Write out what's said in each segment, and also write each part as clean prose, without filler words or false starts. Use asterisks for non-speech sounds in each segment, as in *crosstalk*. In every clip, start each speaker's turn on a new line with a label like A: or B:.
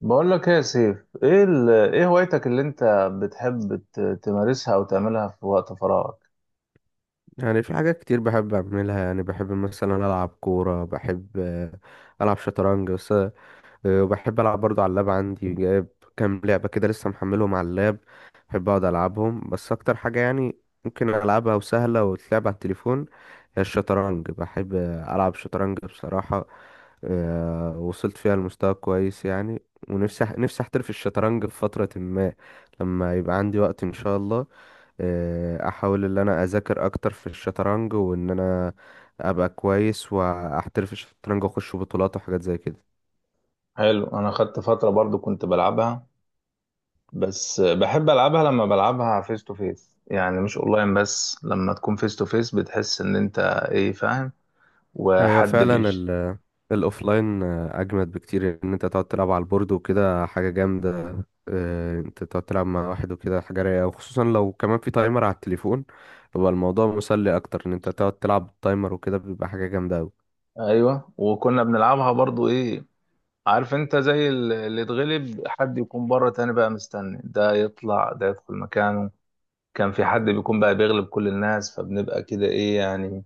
A: بقول لك ايه يا سيف، ايه هوايتك اللي انت بتحب تمارسها او تعملها في وقت فراغك؟
B: يعني في حاجات كتير بحب أعملها، يعني بحب مثلا ألعب كورة، بحب ألعب شطرنج، بس وبحب ألعب برضو على اللاب. عندي جايب كام لعبة كده لسه محملهم على اللاب، بحب أقعد ألعبهم. بس أكتر حاجة يعني ممكن ألعبها وسهلة وتلعب على التليفون هي الشطرنج. بحب ألعب شطرنج بصراحة. وصلت فيها لمستوى كويس يعني. ونفسي نفسي أحترف الشطرنج في فترة ما، لما يبقى عندي وقت إن شاء الله. احاول ان انا اذاكر اكتر في الشطرنج، وان انا ابقى كويس واحترف الشطرنج واخش بطولات وحاجات زي كده.
A: حلو. انا خدت فترة برضو كنت بلعبها، بس بحب العبها لما بلعبها فيس تو فيس، يعني مش اونلاين. بس لما تكون فيس تو فيس بتحس ان انت ايه، فاهم،
B: ايوه
A: وحد
B: فعلا،
A: بيجي.
B: الاوفلاين اجمد بكتير ان انت تقعد تلعب على البورد وكده، حاجه جامده. انت تقعد تلعب مع واحد وكده حاجه رايقه، وخصوصا لو كمان في تايمر على التليفون بيبقى الموضوع مسلي اكتر. ان انت تقعد تلعب بالتايمر وكده بيبقى حاجه جامده قوي.
A: ايوه، وكنا بنلعبها برضو، ايه، عارف انت، زي اللي اتغلب حد يكون بره تاني بقى مستني، ده يطلع ده يدخل مكانه. كان في حد بيكون بقى بيغلب كل الناس، فبنبقى كده ايه يعني،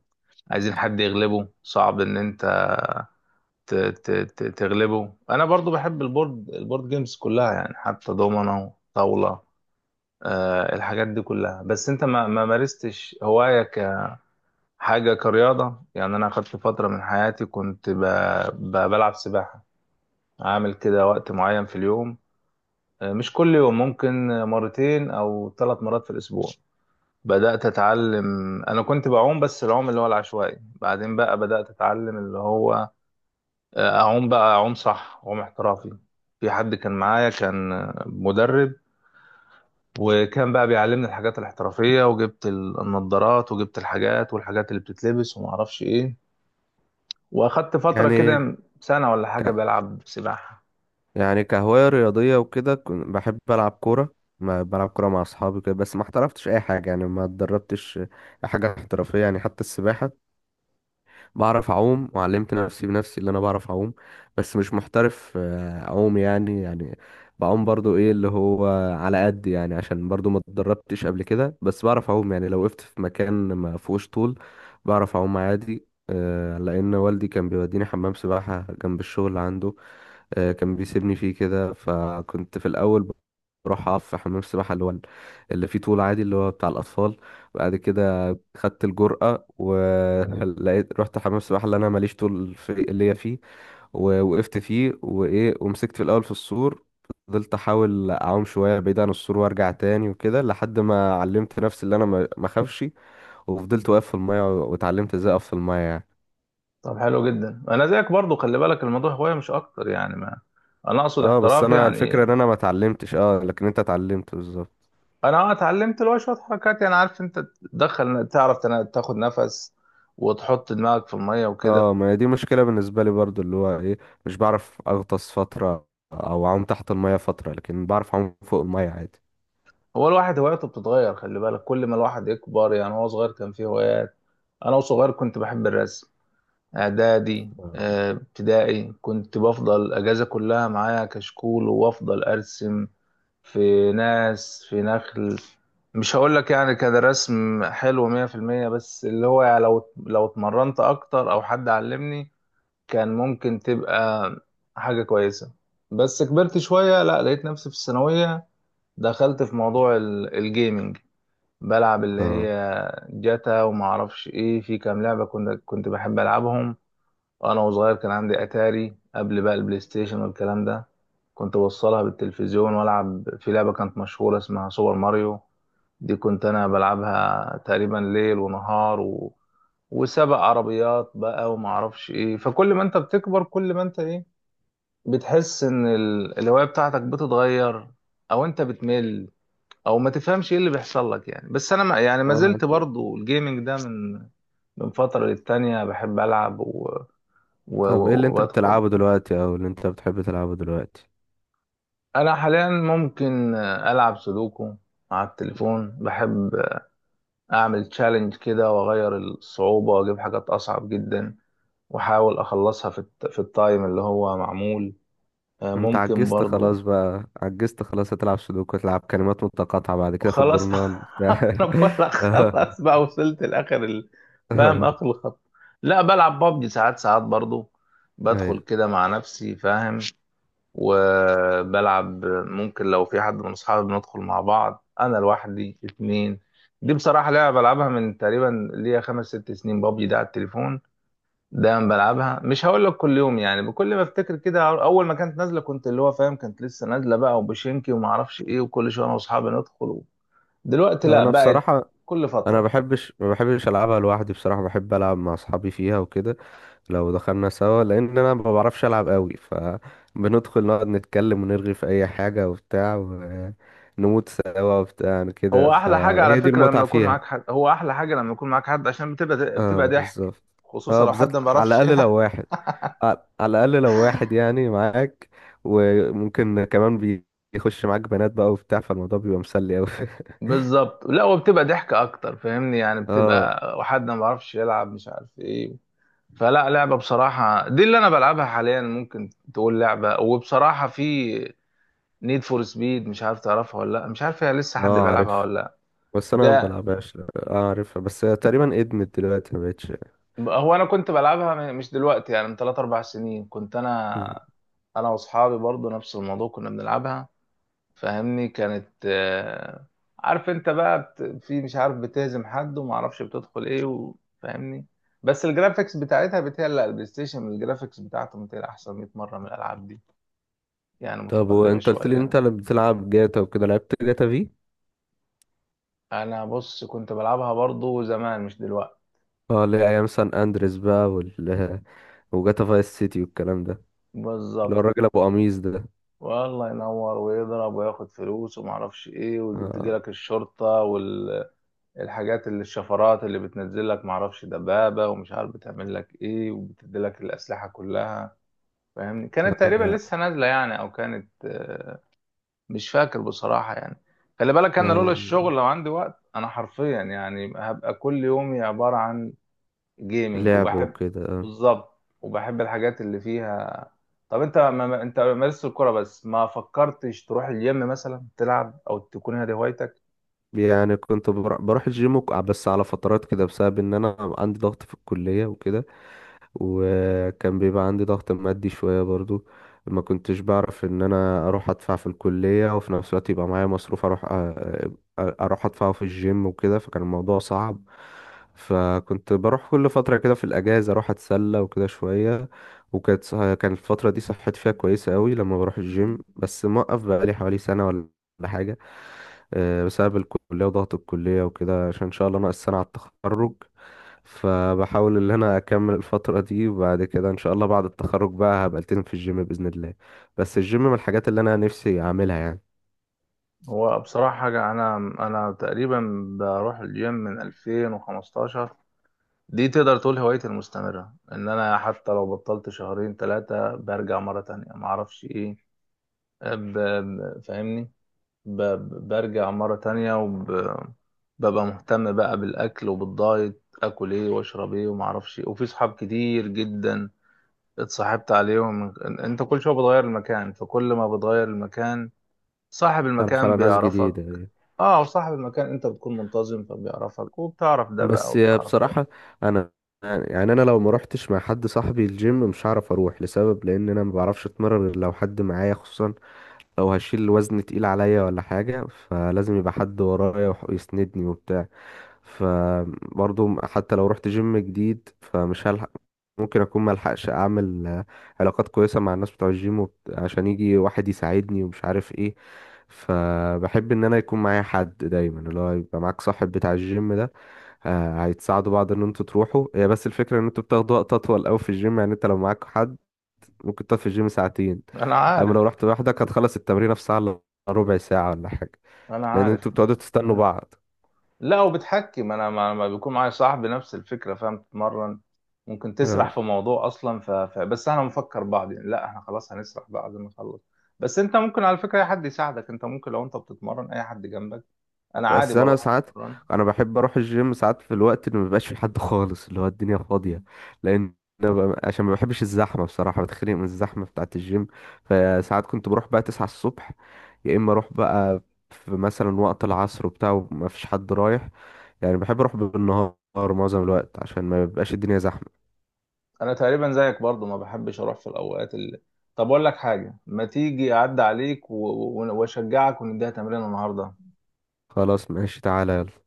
A: عايزين حد يغلبه، صعب ان انت تغلبه. انا برضو بحب البورد، البورد جيمز كلها يعني، حتى دومنة، طاولة، آه، الحاجات دي كلها. بس انت ما مارستش هواية كحاجة، كرياضة؟ يعني انا اخدت فترة من حياتي كنت بلعب سباحة، عامل كده وقت معين في اليوم، آه مش كل يوم، ممكن مرتين او ثلاث مرات في الاسبوع. بدأت أتعلم. أنا كنت بعوم، بس العوم اللي هو العشوائي، بعدين بقى بدأت أتعلم اللي هو، اعوم بقى اعوم صح، اعوم احترافي. في حد كان معايا كان مدرب، وكان بقى بيعلمني الحاجات الاحترافية، وجبت النضارات وجبت الحاجات والحاجات اللي بتتلبس وما اعرفش ايه، واخدت فترة
B: يعني
A: كده سنة ولا حاجة
B: ك-
A: بلعب سباحة.
B: يعني كهواية رياضية وكده، بحب ألعب كورة، ما بلعب كورة مع أصحابي كده. بس ما احترفتش أي حاجة يعني، ما اتدربتش حاجة احترافية يعني. حتى السباحة بعرف اعوم، وعلمت نفسي بنفسي اللي انا بعرف اعوم، بس مش محترف. اعوم يعني يعني بعوم برضو ايه اللي هو على قد يعني، عشان برضو ما اتدربتش قبل كده. بس بعرف اعوم يعني، لو وقفت في مكان ما فيهوش طول بعرف اعوم عادي. لان والدي كان بيوديني حمام سباحة جنب الشغل عنده. كان بيسيبني فيه كده، فكنت في الاول بروح اقف في حمام السباحة اللي هو اللي فيه طول عادي، اللي هو بتاع الاطفال. بعد كده خدت الجرأة ولقيت *laughs* رحت حمام السباحة اللي انا ماليش طول في ليا فيه، ووقفت فيه وايه، ومسكت في الاول في السور. فضلت احاول اعوم شويه بعيد عن السور وارجع تاني وكده، لحد ما علمت نفسي اللي انا ما اخافش. وفضلت واقف في الميه واتعلمت ازاي اقف في الميه يعني.
A: طب حلو جدا. انا زيك برضو، خلي بالك الموضوع هواية مش اكتر يعني، ما انا اقصد
B: اه، بس
A: احتراف
B: انا الفكره
A: يعني.
B: ان انا ما اتعلمتش. اه لكن انت اتعلمت بالظبط.
A: انا اتعلمت اللي هو شوية حركات يعني، عارف انت، تدخل، تعرف تاخد نفس، وتحط دماغك في المية وكده.
B: اه، ما هي دي مشكله بالنسبه لي برضو، اللي هو ايه، مش بعرف اغطس فتره او اعوم تحت الميه فتره، لكن بعرف اعوم فوق الميه عادي.
A: هو الواحد هواياته بتتغير، خلي بالك، كل ما الواحد يكبر. يعني هو صغير كان فيه هوايات، انا وصغير كنت بحب الرسم. اعدادي،
B: آه.
A: ابتدائي، كنت بفضل اجازة كلها معايا كشكول وافضل ارسم، في ناس، في نخل. مش هقول لك يعني كان الرسم حلو 100%، بس اللي هو يعني، لو اتمرنت اكتر او حد علمني كان ممكن تبقى حاجة كويسة. بس كبرت شوية، لا لقيت نفسي في الثانوية، دخلت في موضوع الجيمنج. بلعب اللي
B: اه.
A: هي جاتا وما اعرفش ايه، في كام لعبه كنت بحب العبهم. وانا وصغير كان عندي اتاري، قبل بقى البلاي ستيشن والكلام ده، كنت بوصلها بالتلفزيون والعب في لعبه كانت مشهوره اسمها سوبر ماريو، دي كنت انا بلعبها تقريبا ليل ونهار، و... وسبق عربيات بقى وما اعرفش ايه. فكل ما انت بتكبر كل ما انت ايه، بتحس ان الهوايه بتاعتك بتتغير، او انت بتمل، او ما تفهمش ايه اللي بيحصل لك يعني. بس انا ما يعني ما
B: آه.
A: زلت برضو الجيمنج ده من من فترة للتانية بحب العب،
B: طب ايه اللي انت
A: وبدخل.
B: بتلعبه دلوقتي او اللي انت بتحب تلعبه دلوقتي؟
A: انا حاليا ممكن العب سودوكو على التليفون، بحب اعمل تشالنج كده واغير الصعوبة واجيب حاجات اصعب جدا، واحاول اخلصها في التايم اللي هو معمول، آه،
B: انت
A: ممكن
B: عجزت
A: برضو.
B: خلاص بقى، عجزت خلاص، هتلعب سودوكو، تلعب كلمات متقاطعة بعد كده في
A: وخلاص
B: الجورنال
A: *laughs* انا
B: بتاع.
A: بقول لك
B: *laughs* اه.
A: خلاص بقى، وصلت لاخر ال-، فاهم،
B: اه،
A: اخر الخط. لا، بلعب بابجي ساعات، ساعات برضو بدخل
B: ايوه.
A: كده مع نفسي، فاهم، وبلعب، ممكن لو في حد من اصحابي بندخل مع بعض، انا لوحدي، اتنين. دي بصراحة لعبة بلعبها من تقريبا ليا خمس ست سنين، بابجي ده على التليفون. دايما بلعبها، مش هقول لك كل يوم يعني، بكل ما افتكر كده. اول ما كانت نازله كنت اللي هو فاهم، كانت لسه نازله بقى، وبشينكي وما اعرفش ايه، وكل شويه انا واصحابي ندخل. دلوقتي لا
B: انا
A: بقت
B: بصراحة،
A: كل
B: انا
A: فترة.
B: ما بحبش العبها لوحدي بصراحة، بحب العب مع اصحابي فيها وكده، لو دخلنا سوا، لان انا ما بعرفش العب قوي. فبندخل نقعد نتكلم ونرغي في اي حاجة وبتاع، ونموت سوا وبتاع يعني كده،
A: هو احلى حاجة على
B: فهي دي
A: فكرة
B: المتعة
A: لما يكون
B: فيها.
A: معاك حد، هو احلى حاجة لما يكون معاك حد، عشان بتبقى،
B: اه
A: ضحك،
B: بالظبط.
A: خصوصا
B: اه
A: لو
B: بالذات،
A: حد ما
B: على
A: بيعرفش
B: الاقل لو
A: يلعب.
B: واحد، على الاقل لو واحد يعني معاك. وممكن كمان بيخش معاك بنات بقى وبتاع، فالموضوع بيبقى مسلي قوي. *laughs*
A: *laughs* بالظبط. لا، وبتبقى ضحك اكتر، فاهمني يعني،
B: اه.
A: بتبقى وحد ما بيعرفش يلعب مش عارف ايه. فلا، لعبة بصراحة دي اللي انا بلعبها حاليا، ممكن تقول لعبة، وبصراحة في نيد فور سبيد، مش عارف تعرفها ولا لا، مش عارف هي لسه حد
B: اه
A: بيلعبها
B: عارف،
A: ولا لا،
B: بس انا ما
A: ده
B: بلعبهاش. اه عارفها، بس هي تقريبا ادمت دلوقتي ما بقتش.
A: هو انا كنت بلعبها مش دلوقتي يعني، من 3 4 سنين كنت
B: مم.
A: انا، انا واصحابي برضو نفس الموضوع كنا بنلعبها، فاهمني، كانت آه، عارف انت بقى في مش عارف بتهزم حد وما اعرفش بتدخل ايه، و... فاهمني. بس الجرافيكس بتاعتها بتهيألي، لا، البلاي ستيشن الجرافيكس بتاعته بتهيألي احسن 100 مرة من الالعاب دي، يعني
B: طب
A: متقدمة
B: وانت قلت لي إن انت
A: شوية.
B: اللي بتلعب جاتا وكده، لعبت جاتا في؟
A: انا بص كنت بلعبها برضو زمان مش دلوقتي.
B: اه اللي هي ايام سان اندريس بقى وال *laughs* وجاتا فايس سيتي والكلام ده، اللي هو
A: بالظبط.
B: الراجل ابو قميص ده.
A: والله ينور ويضرب وياخد فلوس وما اعرفش ايه
B: اه.
A: وتجيلك الشرطه والحاجات، اللي الشفرات اللي بتنزل لك، ما اعرفش دبابه ومش عارف بتعمل لك ايه، وبتدي لك الاسلحه كلها، فاهمني، كانت
B: آه،
A: تقريبا
B: لا.
A: لسه نازله يعني، او كانت آه، مش فاكر بصراحه يعني. خلي بالك انا لولا
B: آه،
A: الشغل، لو عندي وقت انا حرفيا يعني هبقى كل يومي عباره عن جيمنج،
B: لعبه
A: وبحب،
B: وكده.
A: بالظبط، وبحب الحاجات اللي فيها. طب انت انت مارست الكرة، بس ما فكرتش تروح الجيم مثلا تلعب، او تكون هذه هوايتك؟
B: يعني كنت بروح الجيم بس على فترات كده، بسبب ان انا عندي ضغط في الكلية وكده، وكان بيبقى عندي ضغط مادي شوية برضو. ما كنتش بعرف ان انا اروح ادفع في الكلية وفي نفس الوقت يبقى معايا مصروف اروح اروح ادفعه في الجيم وكده، فكان الموضوع صعب. فكنت بروح كل فترة كده في الاجازة اروح اتسلى وكده شوية. وكانت كان الفترة دي صحتي فيها كويسة قوي لما بروح الجيم، بس موقف بقالي حوالي سنة ولا حاجة. بسبب الكلية وضغط الكلية وكده، عشان إن شاء الله ناقص سنة على التخرج. فبحاول ان انا اكمل الفترة دي، وبعد كده ان شاء الله بعد التخرج بقى هبقى التزم في الجيم بإذن الله. بس الجيم من الحاجات اللي انا نفسي اعملها يعني.
A: هو بصراحة حاجة، انا تقريبا بروح الجيم من 2015، دي تقدر تقول هوايتي المستمرة. ان انا حتى لو بطلت شهرين ثلاثة برجع مرة تانية، ما اعرفش ايه، فاهمني، برجع مرة تانية، وببقى مهتم بقى بالأكل وبالدايت، أكل إيه وأشرب إيه ومعرفش إيه. وفي صحاب كتير جدا اتصاحبت عليهم، إن- أنت كل شوية بتغير المكان، فكل ما بتغير المكان صاحب
B: اتعرف على
A: المكان
B: ناس
A: بيعرفك.
B: جديدة.
A: اه، وصاحب المكان انت بتكون منتظم فبيعرفك، وبتعرف ده بقى
B: بس
A: وبتعرف ده.
B: بصراحة انا، يعني انا لو ما روحتش مع حد صاحبي الجيم مش هعرف اروح، لسبب لان انا ما بعرفش اتمرن غير لو حد معايا، خصوصا لو هشيل وزن تقيل عليا ولا حاجة، فلازم يبقى حد ورايا ويسندني وبتاع. فبرضه حتى لو رحت جيم جديد فمش هلحق، ممكن اكون ملحقش اعمل علاقات كويسة مع الناس بتوع الجيم، عشان يجي واحد يساعدني ومش عارف ايه. فبحب ان انا يكون معايا حد دايما، اللي هو يبقى معاك صاحب بتاع الجيم ده. هيتساعدوا بعض ان انتوا تروحوا. هي بس الفكرة ان انتوا بتاخدوا وقت اطول قوي في الجيم، يعني انت لو معاك حد ممكن تقعد في الجيم ساعتين،
A: انا
B: اما لو
A: عارف.
B: رحت لوحدك هتخلص التمرين في ساعة الا ربع ساعة ولا حاجة،
A: انا
B: لان
A: عارف.
B: انتوا بتقعدوا تستنوا بعض.
A: لا وبتحكم، انا ما بيكون معايا صاحبي نفس الفكره، فاهم، تتمرن ممكن
B: آه.
A: تسرح في موضوع اصلا، بس انا مفكر بعض يعني، لا احنا خلاص هنسرح بعد ما نخلص. بس انت ممكن على فكره اي حد يساعدك، انت ممكن لو انت بتتمرن اي حد جنبك، انا عادي
B: بس انا
A: بروح
B: ساعات،
A: اتمرن.
B: انا بحب اروح الجيم ساعات في الوقت اللي مبيبقاش في حد خالص، اللي هو الدنيا فاضيه، لان أنا عشان ما بحبش الزحمه بصراحه، بتخنق من الزحمه بتاعه الجيم. فساعات كنت بروح بقى 9 الصبح، يا اما اروح بقى في مثلا وقت العصر وبتاع وما فيش حد رايح. يعني بحب اروح بالنهار معظم الوقت عشان ما بيبقاش الدنيا زحمه.
A: انا تقريبا زيك برضو، ما بحبش اروح في الاوقات اللي. طب اقول لك حاجه، ما تيجي اعدي عليك واشجعك، ونديها تمرين النهارده؟
B: خلاص ماشي تعالى يلا.